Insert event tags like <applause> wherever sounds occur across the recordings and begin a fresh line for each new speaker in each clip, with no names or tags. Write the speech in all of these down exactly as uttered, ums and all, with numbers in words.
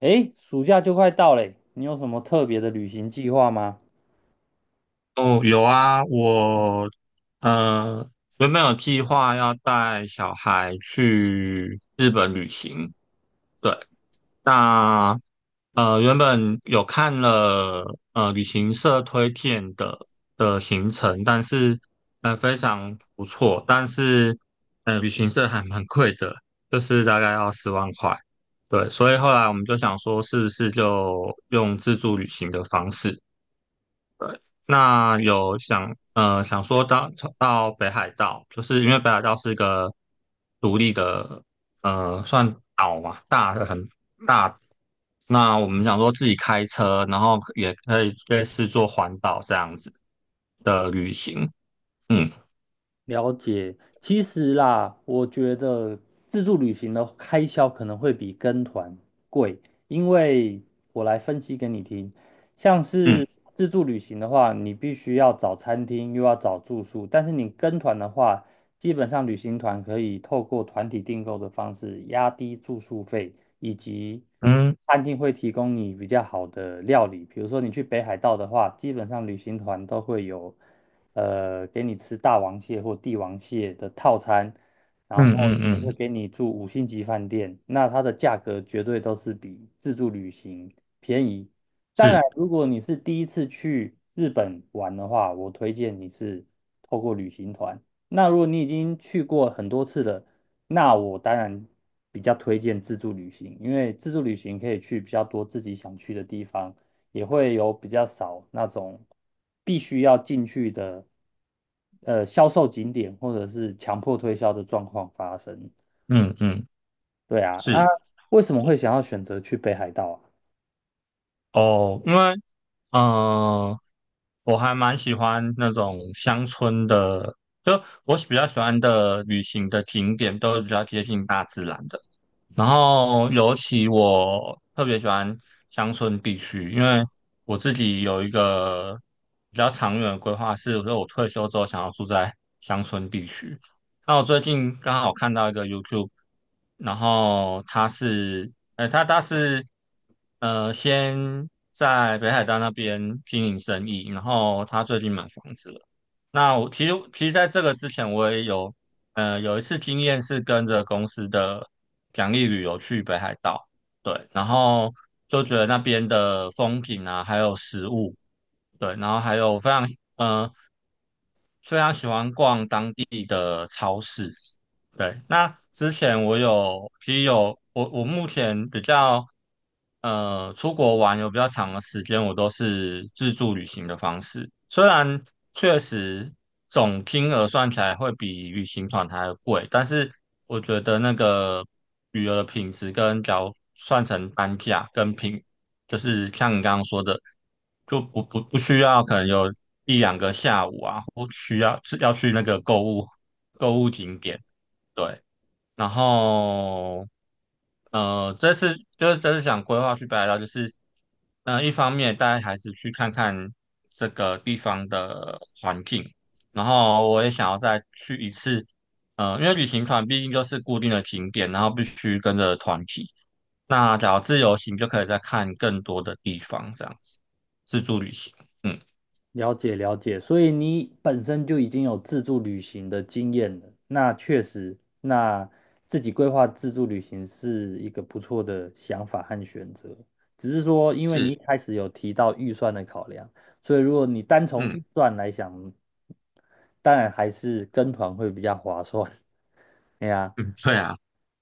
哎，暑假就快到嘞，你有什么特别的旅行计划吗？
哦，有啊，我呃原本有计划要带小孩去日本旅行，对，那呃原本有看了呃旅行社推荐的的行程，但是呃非常不错，但是呃旅行社还蛮贵的，就是大概要十万块，对，所以后来我们就想说是不是就用自助旅行的方式。那有想呃想说到到北海道，就是因为北海道是一个独立的呃算岛嘛，大的很大。那我们想说自己开车，然后也可以类似做环岛这样子的旅行。嗯
了解，其实啦，我觉得自助旅行的开销可能会比跟团贵，因为我来分析给你听。像
嗯
是自助旅行的话，你必须要找餐厅，又要找住宿，但是你跟团的话，基本上旅行团可以透过团体订购的方式压低住宿费，以及
嗯
餐厅会提供你比较好的料理。比如说你去北海道的话，基本上旅行团都会有。呃，给你吃大王蟹或帝王蟹的套餐，然
嗯
后
嗯
也会
嗯，
给你住五星级饭店，那它的价格绝对都是比自助旅行便宜。当然，
是，
如果你是第一次去日本玩的话，我推荐你是透过旅行团。那如果你已经去过很多次了，那我当然比较推荐自助旅行，因为自助旅行可以去比较多自己想去的地方，也会有比较少那种必须要进去的，呃，销售景点或者是强迫推销的状况发生。
嗯嗯
对啊，啊，
是。
为什么
对
会想要选择去北海道啊？
哦，因为嗯、呃我还蛮喜欢那种乡村的，就我比较喜欢的旅行的景点都是比较接近大自然的。然后尤其我特别喜欢乡村地区，因为我自己有一个比较长远的规划是，说我退休之后想要住在乡村地区。那我最近刚好看到一个 YouTube，然后他是，呃，他他是，呃，先在北海道那边经营生意，然后他最近买房子了。那我其实其实在这个之前，我也有，呃，有一次经验是跟着公司的奖励旅游去北海道，对，然后就觉得那边的风景啊，还有食物，对，然后还有非常，嗯。非常喜欢逛当地的超市。对，那之前我有，其实有我我目前比较呃出国玩有比较长的时间，我都是自助旅行的方式。虽然确实总金额算起来会比旅行团还要贵，但是我觉得那个旅游的品质跟假如算成单价跟品就是像你刚刚说的，就不不不需要可能有一两个下午啊，或需要是要去那个购物购物景点，对。然后呃，这次就是这次想规划去北海道，就是嗯、呃一方面带孩子去看看这个地方的环境，然后我也想要再去一次，呃，因为旅行团毕竟就是固定的景点，然后必须跟着团体。那假如自由行就可以再看更多的地方，这样子自助旅行，嗯，
了解了解，所以你本身就已经有自助旅行的经验了，那确实，那自己规划自助旅行是一个不错的想法和选择。只是说，因为你一
是，
开始有提到预算的考量，所以如果你单从
嗯
预算来想，当然还是跟团会比较划算。<laughs> 哎呀，
嗯，对啊。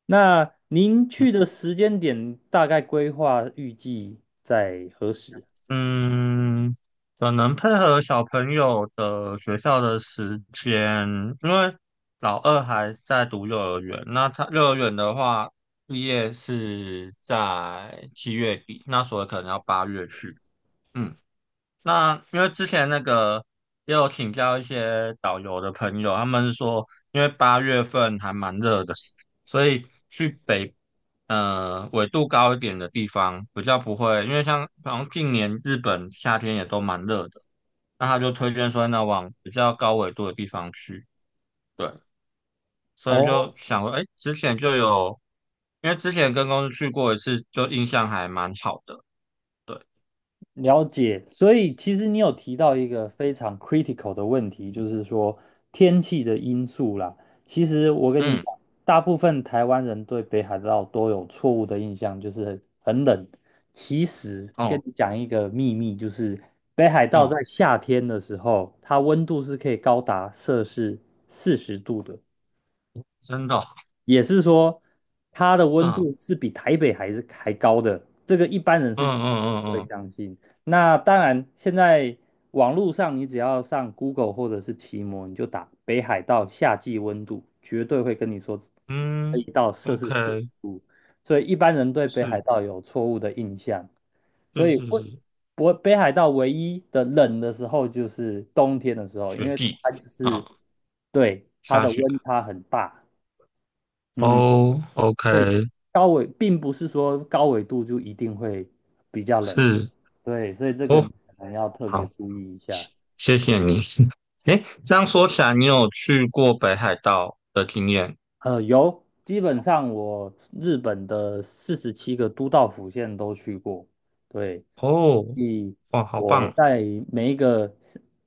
那您去的时间点大概规划预计在何时？
嗯，可能配合小朋友的学校的时间，因为老二还在读幼儿园，那他幼儿园的话，毕业是在七月底，那所以可能要八月去。嗯。那因为之前那个也有请教一些导游的朋友，他们是说，因为八月份还蛮热的，所以去北呃纬度高一点的地方比较不会，因为像好像近年日本夏天也都蛮热的，那他就推荐说那往比较高纬度的地方去，对，所以就
哦，
想说，哎，之前就有，因为之前跟公司去过一次，就印象还蛮好的，对，
了解，所以其实你有提到一个非常 critical 的问题，就是说天气的因素啦。其实我跟你
嗯，
讲，大部分台湾人对北海道都有错误的印象，就是很冷。其实跟
哦，
你讲一个秘密，就是北海道
哦，
在夏天的时候，它温度是可以高达摄氏四十度的。
真的哦。
也是说它的温
嗯。
度是比台北还是还高的，这个一般人是绝
嗯
对不
嗯
会
嗯
相信。那当然，现在网络上你只要上 Google 或者是奇摩，你就打北海道夏季温度，绝对会跟你说
嗯
可以
嗯
到摄氏四十
，OK，
度，所以一般人对北海
是
道有错误的印象。
是
所以
是
会
是，
不北海道唯一的冷的时候就是冬天的时候，因
雪
为
地
它就
啊，
是对它
下
的
雪。
温差很大。嗯。
哦
所以
，OK，
高纬并不是说高纬度就一定会比较冷，
是。
对，所以这个
哦，
你可能要特别
好，
注意一下。
谢谢你。<laughs> 诶，这样说起来，你有去过北海道的经验。
呃，有，基本上我日本的四十七个都道府县都去过，对，
哦，
所以
哇，好
我
棒，
在每一个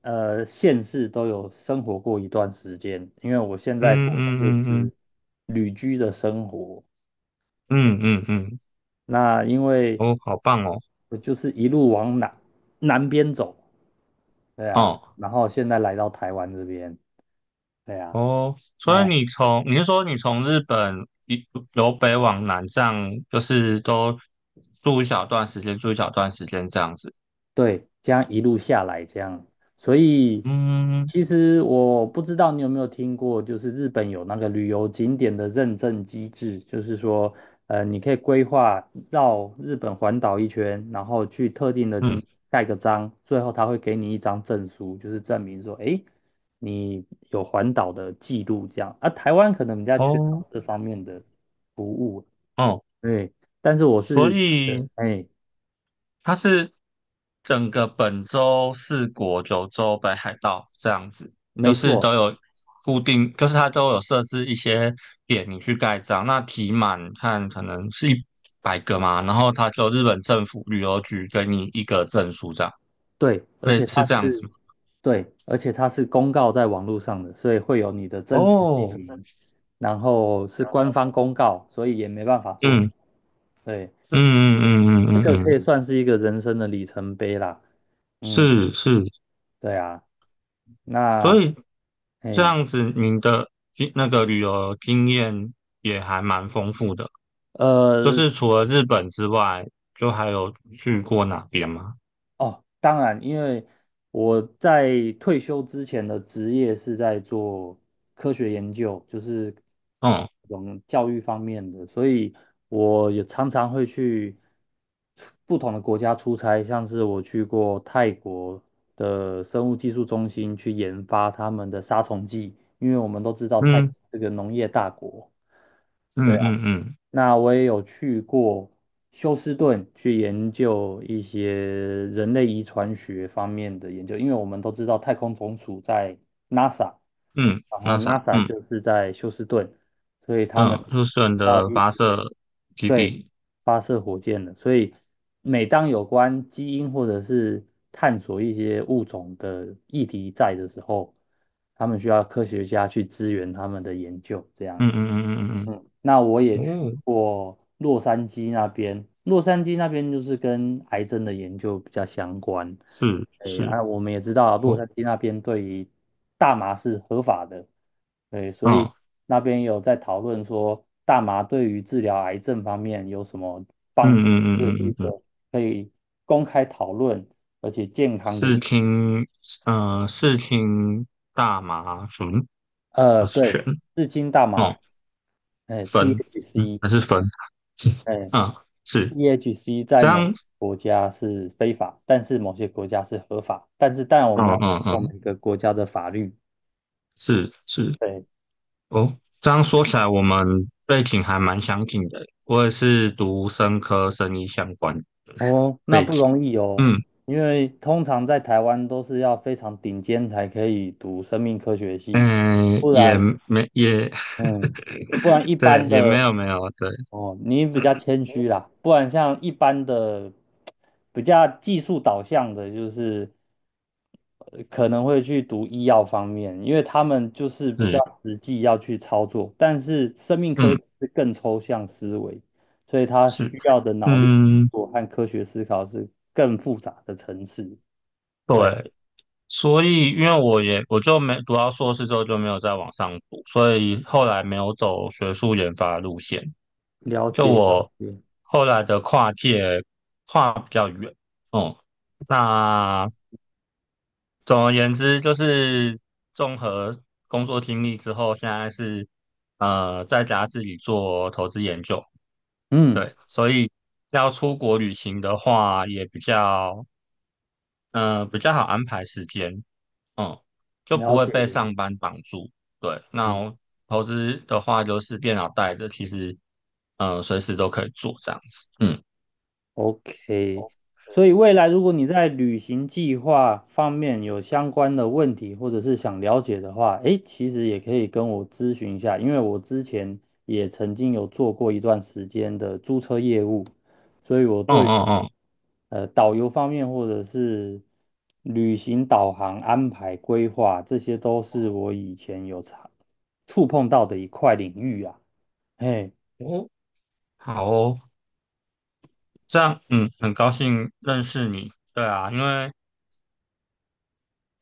呃县市都有生活过一段时间，因为我现在
嗯
过的
嗯
就
嗯嗯
是旅居的生活。
嗯嗯嗯，
那因为
哦，好棒哦，
我就是一路往南南边走，对啊，
哦。
然后现在来到台湾这边，对啊，
哦，所以
那
你从你是说你从日本一由北往南这样，就是都住一小段时间，住一小段时间这样子。
对，这样一路下来这样，所以
嗯
其实我不知道你有没有听过，就是日本有那个旅游景点的认证机制，就是说，呃，你可以规划绕日本环岛一圈，然后去特定的景
嗯，
盖个章，最后他会给你一张证书，就是证明说，诶，你有环岛的记录这样。啊，台湾可能比较缺
哦
少这方面的服务。
哦，
对，但是我
所
是觉得，
以
哎，
它是整个本州、四国、九州、北海道这样子，就
没
是都
错，
有固定，就是它都有设置一些点你去盖章，那题满看可能是一百个嘛，然后它就日本政府旅游局给你一个证书这样。
对，而且
对，是
它
这样子
是，
吗？
对，而且它是公告在网络上的，所以会有你的真实姓
哦，
名，然后是官方公告，所以也没办法做。
嗯
对，
嗯嗯嗯嗯
这
嗯
个可
嗯，
以算是一个人生的里程碑啦。嗯，
是是，
对啊，
所
那，
以这
哎，
样子，您的经那个旅游经验也还蛮丰富的。就
呃，
是除了日本之外，就还有去过哪边吗？
哦，当然，因为我在退休之前的职业是在做科学研究，就是
嗯
这种教育方面的，所以我也常常会去出不同的国家出差，像是我去过泰国的生物技术中心去研发他们的杀虫剂，因为我们都知道泰
嗯
这个农业大国。对。
嗯嗯嗯
那我也有去过休斯顿去研究一些人类遗传学方面的研究，因为我们都知道太空总署在 NASA，
嗯，
然后
那啥，
NASA
嗯
就是在休斯顿，所以他们
嗯，入选
要
的
一
发
些
射基
对
地，
发射火箭的，所以每当有关基因或者是探索一些物种的议题在的时候，他们需要科学家去支援他们的研究，这样。
嗯嗯嗯嗯
嗯，那我也
嗯
去
嗯，哦，
过洛杉矶那边，洛杉矶那边就是跟癌症的研究比较相关。
是
对，
是
啊，我们也知道洛
哦，
杉矶那边对于大麻是合法的，对，所以
嗯
那边有在讨论说大麻对于治疗癌症方面有什么帮
嗯
助，
嗯嗯
这是一
嗯嗯嗯，
个可以公开讨论而且健康的
视
议。
听，嗯、呃，视听大麻醇
呃，
还是
对，
醛？
至今大麻，
哦，
哎
酚，嗯，
，T H C，
还是酚，
哎，
嗯，是
E H C 在
这
某
样，
国家是非法，但是某些国家是合法，但是当然我们要
嗯
尊
嗯
重
嗯，
每个国家的法律。
是是，
对，
哦，这样说起来，我们背景还蛮相近的。我也是读生科生医相关的
哦，那
背
不
景，
容易哦，
嗯
因为通常在台湾都是要非常顶尖才可以读生命科学系，
嗯，
不
也
然，
没也，
嗯，不
<laughs>
然一
对，
般
也没
的
有没有，对，
哦，你比较谦虚啦，不然像一般的比较技术导向的，就是呃可能会去读医药方面，因为他们就是比较
是，
实际要去操作，但是生命科
嗯
学是更抽象思维，所以他
是，
需要的脑力运
嗯
作和科学思考是更复杂的层次。对，
对，所以因为我也我就没读到硕士之后就没有再往上读，所以后来没有走学术研发的路线。
了
就
解了
我
解，
后来的跨界跨比较远，嗯，那总而言之就是综合工作经历之后，现在是呃在家自己做投资研究，
嗯，
对，所以要出国旅行的话也比较嗯呃比较好安排时间，嗯，就不
了
会
解
被
了
上
解，
班绑住，对，那
嗯。
我投资的话就是电脑带着，其实嗯、呃随时都可以做这样子，嗯
OK，所以未来如果你在旅行计划方面有相关的问题，或者是想了解的话，诶，其实也可以跟我咨询一下，因为我之前也曾经有做过一段时间的租车业务，所以我
嗯
对
嗯嗯。
呃导游方面或者是旅行导航安排规划这些都是我以前有常触碰到的一块领域啊，嘿。
哦，好哦，这样，嗯，很高兴认识你。对啊，因为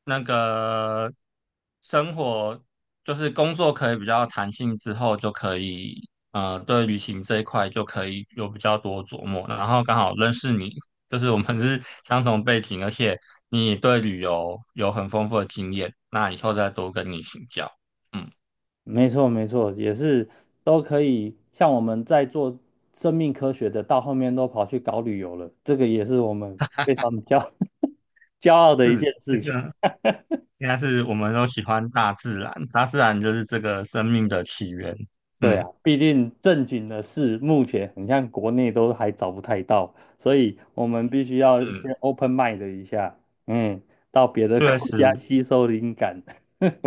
那个生活就是工作可以比较弹性之后，就可以呃，对旅行这一块就可以有比较多琢磨。然后刚好认识你，就是我们是相同背景，而且你也对旅游有很丰富的经验，那以后再多跟你请教。嗯，
没错，没错，也是都可以。像我们在做生命科学的，到后面都跑去搞旅游了，这个也是我们非常骄 <laughs> 骄傲的一
是
件
这
事情。
个应该是我们都喜欢大自然，大自然就是这个生命的起源。
对
嗯。
啊，毕竟正经的事，目前很像国内都还找不太到，所以我们必须要
嗯，
先 open mind 一下，嗯，到别的 <laughs>
确
国家
实，
吸收灵感。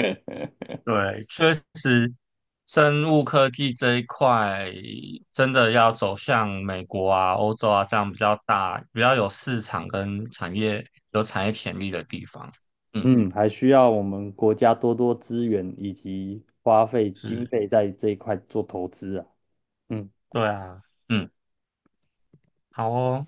<laughs>
对，确实，生物科技这一块真的要走向美国啊、欧洲啊这样比较大、比较有市场跟产业有产业潜力的地方。嗯，
嗯，还需要我们国家多多资源以及花费经
是，
费在这一块做投资啊。嗯。
对啊，嗯，好哦。